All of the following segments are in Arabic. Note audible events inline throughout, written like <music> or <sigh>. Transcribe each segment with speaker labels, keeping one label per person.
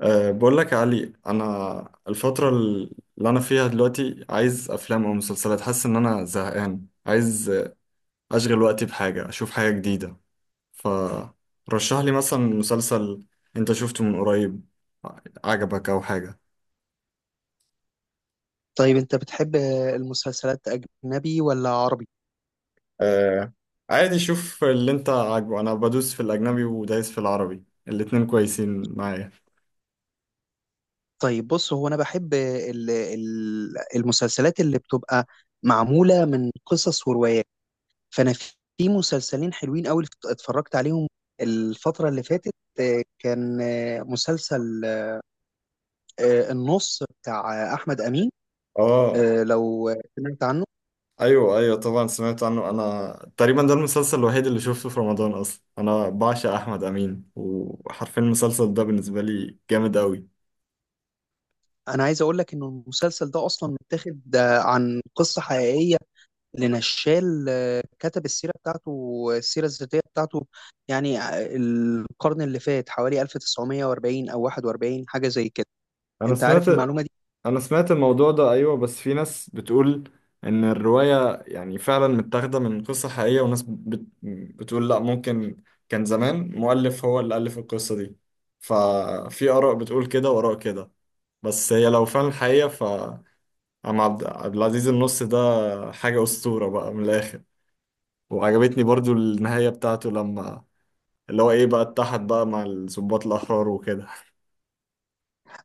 Speaker 1: بقول لك يا علي، انا الفتره اللي انا فيها دلوقتي عايز افلام او مسلسلات، حاسس ان انا زهقان، عايز اشغل وقتي بحاجه، اشوف حاجه جديده. فرشح لي مثلا مسلسل انت شفته من قريب، عجبك او حاجه.
Speaker 2: طيب انت بتحب المسلسلات اجنبي ولا عربي؟
Speaker 1: أه، عادي، شوف اللي انت عاجبه. انا بدوس في الاجنبي ودايس في العربي، الاتنين كويسين معايا.
Speaker 2: طيب بص، هو انا بحب المسلسلات اللي بتبقى معمولة من قصص وروايات. فانا في مسلسلين حلوين قوي اتفرجت عليهم الفترة اللي فاتت. كان مسلسل النص بتاع احمد امين.
Speaker 1: اه،
Speaker 2: لو سمعت عنه.
Speaker 1: ايوه ايوه، طبعا سمعت عنه. انا تقريبا ده المسلسل الوحيد اللي شفته في رمضان اصلا، انا بعشق احمد امين، وحرفيا المسلسل ده بالنسبه لي جامد قوي.
Speaker 2: انا عايز اقول لك ان المسلسل ده اصلا متاخد عن قصة حقيقية لنشال، كتب السيرة بتاعته، السيرة الذاتية بتاعته. يعني القرن اللي فات، حوالي 1940 أو 41، حاجة زي كده.
Speaker 1: انا
Speaker 2: أنت
Speaker 1: سمعت
Speaker 2: عارف المعلومة دي؟
Speaker 1: انا سمعت الموضوع ده، ايوه. بس في ناس بتقول ان الروايه يعني فعلا متاخده من قصه حقيقيه، وناس بتقول لا، ممكن كان زمان مؤلف هو اللي الف القصه دي. ففي اراء بتقول كده واراء كده. بس هي لو فعلا حقيقه، ف عم عبد العزيز، النص ده حاجة أسطورة بقى من الآخر. وعجبتني برضو النهاية بتاعته، لما اللي هو ايه بقى اتحد بقى مع الضباط الأحرار وكده.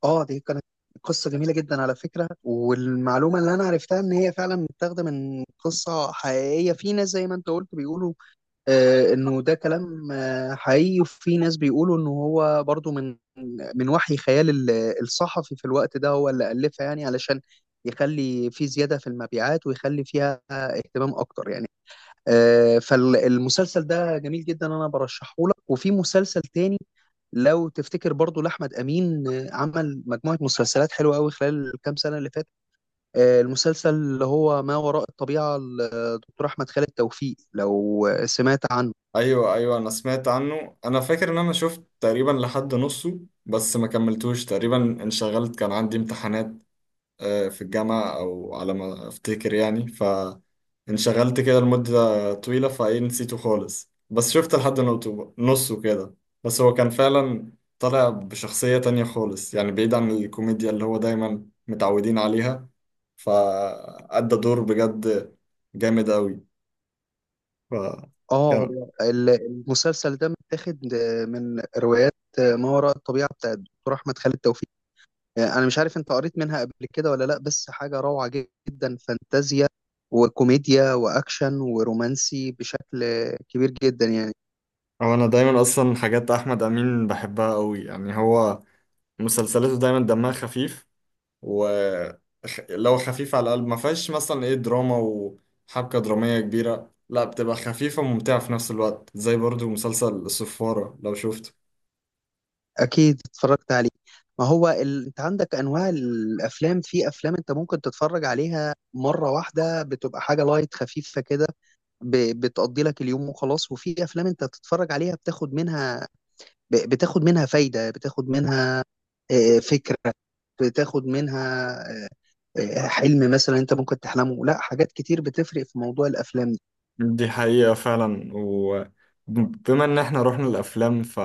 Speaker 2: آه، دي كانت قصة جميلة جدا على فكرة، والمعلومة اللي أنا عرفتها إن هي فعلا متاخدة من قصة حقيقية. في ناس زي ما أنت قلت بيقولوا انه ده كلام حقيقي، وفي ناس بيقولوا انه هو برضو من وحي خيال الصحفي في الوقت ده، هو اللي ألفها يعني علشان يخلي في زيادة في المبيعات ويخلي فيها اهتمام اكتر يعني. فالمسلسل ده جميل جدا، انا برشحه لك. وفي مسلسل تاني لو تفتكر برضو لأحمد أمين، عمل مجموعة مسلسلات حلوة قوي خلال الكام سنة اللي فاتت. المسلسل اللي هو ما وراء الطبيعة لدكتور أحمد خالد توفيق، لو سمعت عنه.
Speaker 1: ايوه ايوه، انا سمعت عنه. انا فاكر ان انا شفت تقريبا لحد نصه بس ما كملتوش تقريبا. انشغلت، كان عندي امتحانات في الجامعة أو على ما أفتكر يعني. فانشغلت كده لمدة طويلة، فإيه نسيته خالص. بس شفت لحد نصه كده. بس هو كان فعلا طالع بشخصية تانية خالص، يعني بعيد عن الكوميديا اللي هو دايما متعودين عليها. فأدى دور بجد جامد أوي. ف
Speaker 2: اه،
Speaker 1: كان
Speaker 2: هو المسلسل ده متاخد من روايات ما وراء الطبيعة بتاعت الدكتور أحمد خالد توفيق. أنا مش عارف أنت قريت منها قبل كده ولا لأ، بس حاجة روعة جدا، فانتازيا وكوميديا وأكشن ورومانسي بشكل كبير جدا يعني.
Speaker 1: هو أنا دايما أصلا حاجات أحمد أمين بحبها أوي، يعني هو مسلسلاته دايما دمها خفيف، ولو خفيف على القلب ما فيهاش مثلا ايه دراما وحبكة درامية كبيرة، لا بتبقى خفيفة وممتعة في نفس الوقت، زي برضو مسلسل الصفارة لو شفته.
Speaker 2: أكيد اتفرجت عليه. ما هو أنت عندك أنواع الأفلام. في أفلام أنت ممكن تتفرج عليها مرة واحدة، بتبقى حاجة لايت خفيفة كده، بتقضي لك اليوم وخلاص. وفي أفلام أنت تتفرج عليها بتاخد منها، بتاخد منها فايدة، بتاخد منها فكرة، بتاخد منها آه، حلم مثلا انت ممكن تحلمه. لا، حاجات كتير بتفرق في موضوع الافلام دي.
Speaker 1: دي حقيقة فعلا. وبما ان احنا رحنا الافلام، ف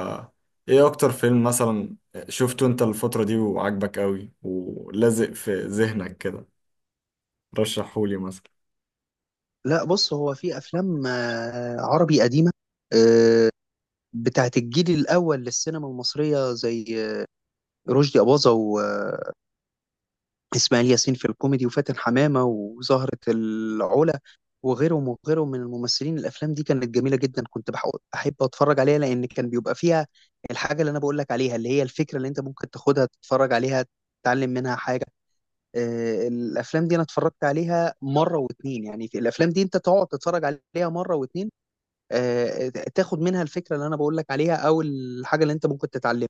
Speaker 1: ايه اكتر فيلم مثلا شفته انت الفترة دي وعجبك قوي ولازق في ذهنك كده؟ رشحهولي مثلا.
Speaker 2: لا بص، هو في افلام عربي قديمة، آه، بتاعت الجيل الاول للسينما المصرية، زي آه، رشدي أباظة اسماعيل ياسين في الكوميدي، وفاتن حمامة وزهرة العلا، وغيرهم وغيرهم من الممثلين. الافلام دي كانت جميله جدا، كنت بحب احب اتفرج عليها لان كان بيبقى فيها الحاجه اللي انا بقول لك عليها، اللي هي الفكره اللي انت ممكن تاخدها تتفرج عليها تتعلم منها حاجه. الافلام دي انا اتفرجت عليها مره واتنين، يعني في الافلام دي انت تقعد تتفرج عليها مره واتنين، آه، تاخد منها الفكره اللي انا بقول لك عليها او الحاجه اللي انت ممكن تتعلمها،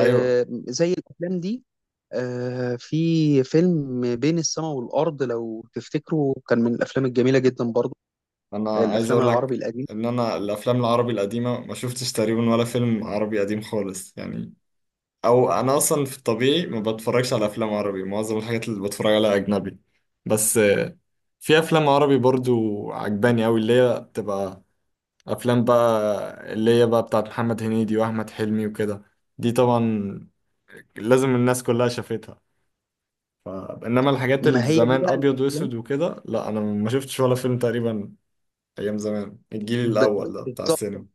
Speaker 1: ايوه،
Speaker 2: زي الافلام دي. في فيلم بين السماء والارض لو تفتكروا، كان من الافلام الجميله جدا برضو،
Speaker 1: انا عايز
Speaker 2: الافلام
Speaker 1: اقول
Speaker 2: العربي
Speaker 1: لك
Speaker 2: القديم.
Speaker 1: ان انا الافلام العربي القديمة ما شفتش تقريبا ولا فيلم عربي قديم خالص يعني. او انا اصلا في الطبيعي ما بتفرجش على افلام عربي، معظم الحاجات اللي بتفرج عليها اجنبي. بس في افلام عربي برضو عجباني اوي اللي هي بتبقى افلام بقى اللي هي بقى بتاعت محمد هنيدي واحمد حلمي وكده. دي طبعا لازم الناس كلها شافتها. ف... انما الحاجات اللي
Speaker 2: ما هي دي
Speaker 1: زمان
Speaker 2: بقى
Speaker 1: ابيض
Speaker 2: الافلام.
Speaker 1: واسود وكده، لا انا ما شفتش ولا فيلم تقريبا. ايام زمان الجيل الاول ده بتاع
Speaker 2: بالظبط،
Speaker 1: السينما.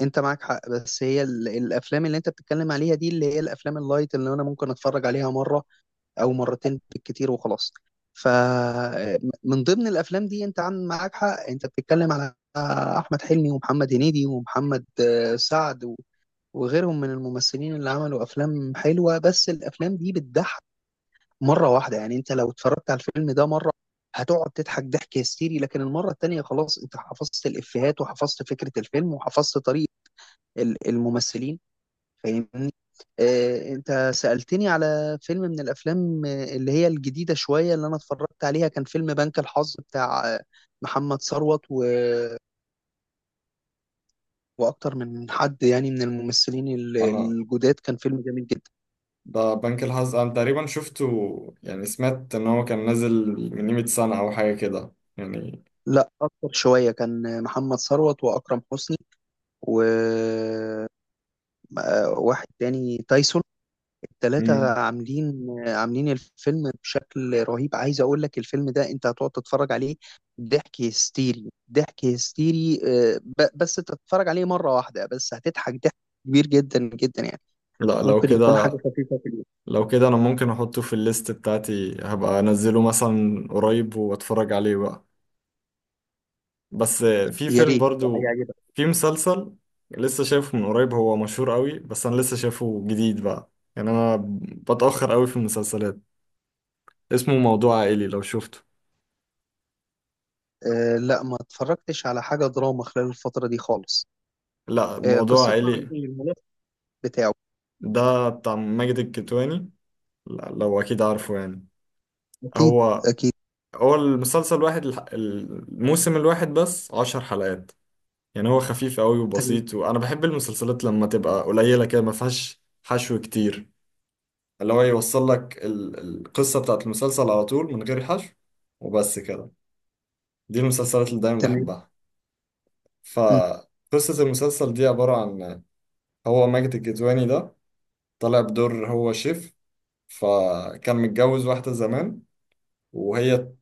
Speaker 2: انت معاك حق. بس هي الافلام اللي انت بتتكلم عليها دي، اللي هي الافلام اللايت اللي انا ممكن اتفرج عليها مره او مرتين بالكتير وخلاص. فمن ضمن الافلام دي، انت عن معاك حق، انت بتتكلم على احمد حلمي ومحمد هنيدي ومحمد سعد وغيرهم من الممثلين اللي عملوا افلام حلوه. بس الافلام دي بتضحك مره واحده، يعني انت لو اتفرجت على الفيلم ده مره هتقعد تضحك ضحك هستيري، لكن المره التانيه خلاص انت حفظت الافيهات وحفظت فكره الفيلم وحفظت طريقه الممثلين. فاهمني. انت سألتني على فيلم من الافلام اللي هي الجديده شويه اللي انا اتفرجت عليها. كان فيلم بنك الحظ بتاع محمد ثروت واكتر من حد يعني من الممثلين
Speaker 1: انا
Speaker 2: الجداد، كان فيلم جميل جدا.
Speaker 1: ده بنك الحظ انا تقريبا شفته، يعني سمعت ان هو كان نازل من قيمة سنة او حاجة كده يعني.
Speaker 2: لا اكتر شويه، كان محمد ثروت واكرم حسني وواحد تاني تايسون. الثلاثه
Speaker 1: مم.
Speaker 2: عاملين عاملين الفيلم بشكل رهيب. عايز اقول لك الفيلم ده انت هتقعد تتفرج عليه ضحك هستيري ضحك هستيري. بس تتفرج عليه مره واحده، بس هتضحك ضحك كبير جدا جدا يعني.
Speaker 1: لا،
Speaker 2: ممكن يكون حاجه خفيفه في اليوم.
Speaker 1: لو كده انا ممكن احطه في الليست بتاعتي، هبقى انزله مثلا قريب واتفرج عليه بقى. بس في
Speaker 2: يا
Speaker 1: فيلم
Speaker 2: ريت
Speaker 1: برضو
Speaker 2: هيعجبك.
Speaker 1: في مسلسل لسه شايفه من قريب، هو مشهور قوي بس انا لسه شايفه جديد بقى. يعني انا بتأخر قوي في المسلسلات. اسمه موضوع عائلي، لو شفته.
Speaker 2: أه لا، ما اتفرجتش على حاجه دراما خلال الفتره دي خالص.
Speaker 1: لا،
Speaker 2: أه،
Speaker 1: موضوع
Speaker 2: قصته عن
Speaker 1: عائلي،
Speaker 2: ايه، الملف بتاعه؟
Speaker 1: ده بتاع ماجد الكدواني. لا لو اكيد عارفه يعني.
Speaker 2: اكيد.
Speaker 1: هو
Speaker 2: اكيد.
Speaker 1: المسلسل الواحد الموسم الواحد بس 10 حلقات. يعني هو خفيف قوي
Speaker 2: تمام.
Speaker 1: وبسيط، وانا بحب المسلسلات لما تبقى قليلة كده ما فيهاش حشو كتير، اللي هو يوصل لك القصة بتاعت المسلسل على طول من غير حشو، وبس كده. دي المسلسلات اللي دايما
Speaker 2: تمام.
Speaker 1: بحبها.
Speaker 2: مم.
Speaker 1: فقصة المسلسل دي عبارة عن، هو ماجد الكدواني ده طالع بدور هو شيف. فكان متجوز واحدة زمان، وهي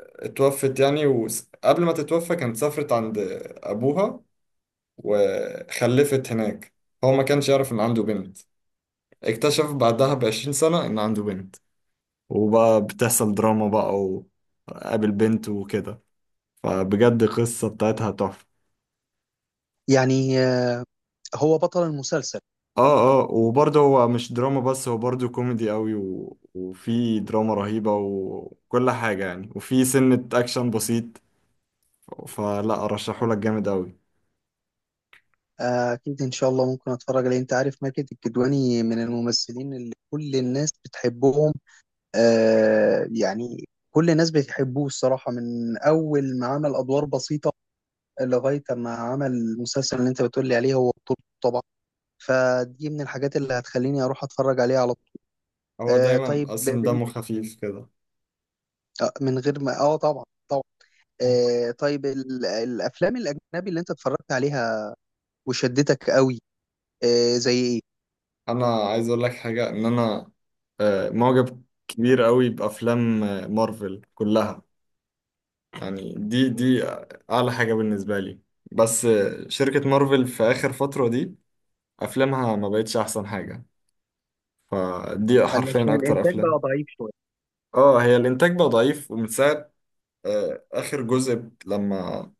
Speaker 1: اتوفت يعني. وقبل ما تتوفى كانت سافرت عند أبوها وخلفت هناك. هو ما كانش يعرف إن عنده بنت، اكتشف بعدها ب20 سنة إن عنده بنت، وبقى بتحصل دراما بقى، وقابل بنت وكده. فبجد القصة بتاعتها تحفة.
Speaker 2: يعني هو بطل المسلسل.
Speaker 1: اه اه، وبرضه هو مش دراما بس، هو برضه كوميدي قوي وفي دراما رهيبة وكل حاجة يعني، وفي سنة أكشن بسيط. فلا أرشحه لك جامد قوي.
Speaker 2: أكيد إن شاء الله، ممكن أتفرج عليه. أنت عارف ماجد الكدواني من الممثلين اللي كل الناس بتحبهم، يعني كل الناس بتحبوه الصراحة، من أول ما عمل أدوار بسيطة لغاية ما عمل المسلسل اللي أنت بتقولي عليه، هو بطولته طبعا. فدي من الحاجات اللي هتخليني أروح أتفرج عليه على طول.
Speaker 1: هو دايما
Speaker 2: طيب
Speaker 1: اصلا دمه خفيف كده.
Speaker 2: من غير ما آه، طبعا طبعا. طيب الأفلام الأجنبي اللي أنت اتفرجت عليها وشدتك قوي، آه زي ايه؟
Speaker 1: انا عايز اقول لك حاجه ان انا معجب كبير قوي بافلام مارفل كلها. يعني دي اعلى حاجه بالنسبه لي. بس شركه مارفل في اخر فتره دي افلامها ما بقتش احسن حاجه. فدي حرفيا
Speaker 2: علشان
Speaker 1: اكتر
Speaker 2: الانتاج
Speaker 1: افلام.
Speaker 2: بقى ضعيف شويه.
Speaker 1: اه، هي الانتاج بقى ضعيف ومن ساعه اخر جزء لما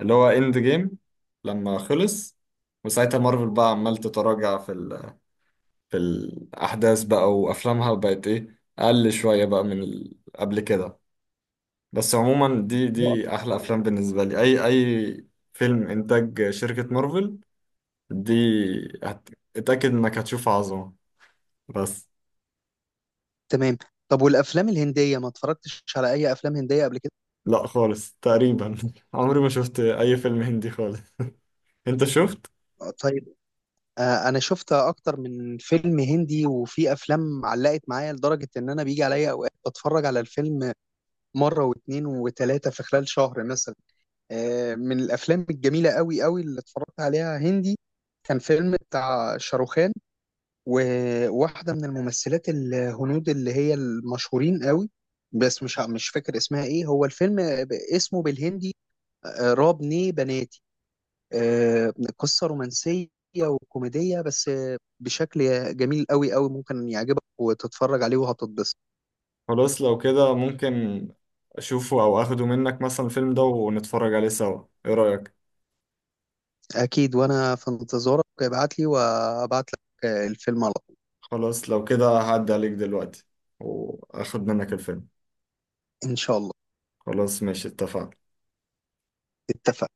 Speaker 1: اللي هو اند جيم لما خلص. وساعتها مارفل بقى عمال تتراجع في الأحداث بقى، وأفلامها بقت إيه أقل شوية بقى من قبل كده. بس عموما
Speaker 2: نقط.
Speaker 1: دي أحلى أفلام بالنسبة لي. أي فيلم إنتاج شركة مارفل دي، هت... اتأكد إنك هتشوف عظمة. بس
Speaker 2: تمام. طب والافلام الهنديه، ما اتفرجتش على اي افلام هنديه قبل كده؟
Speaker 1: لا خالص تقريبا <laughs> عمري ما شفت أي فيلم هندي خالص. أنت شفت؟
Speaker 2: طيب. آه، انا شفت اكتر من فيلم هندي، وفي افلام علقت معايا لدرجه ان انا بيجي عليا اوقات بتفرج على الفيلم مره واثنين وثلاثه في خلال شهر مثلا. آه، من الافلام الجميله قوي قوي اللي اتفرجت عليها هندي كان فيلم بتاع شاروخان وواحدة من الممثلات الهنود اللي هي المشهورين قوي، بس مش فاكر اسمها ايه. هو الفيلم اسمه بالهندي راب ني بناتي. قصة رومانسية وكوميدية، بس بشكل جميل قوي قوي، ممكن يعجبك وتتفرج عليه وهتتبسط.
Speaker 1: خلاص لو كده ممكن أشوفه أو أخده منك مثلا الفيلم ده ونتفرج عليه سوا، إيه رأيك؟
Speaker 2: أكيد، وأنا في انتظارك، ابعت لي وابعت لك الفيلم على طول.
Speaker 1: خلاص لو كده هعدي عليك دلوقتي وأخد منك الفيلم.
Speaker 2: إن شاء الله.
Speaker 1: خلاص ماشي، اتفقنا.
Speaker 2: اتفقنا.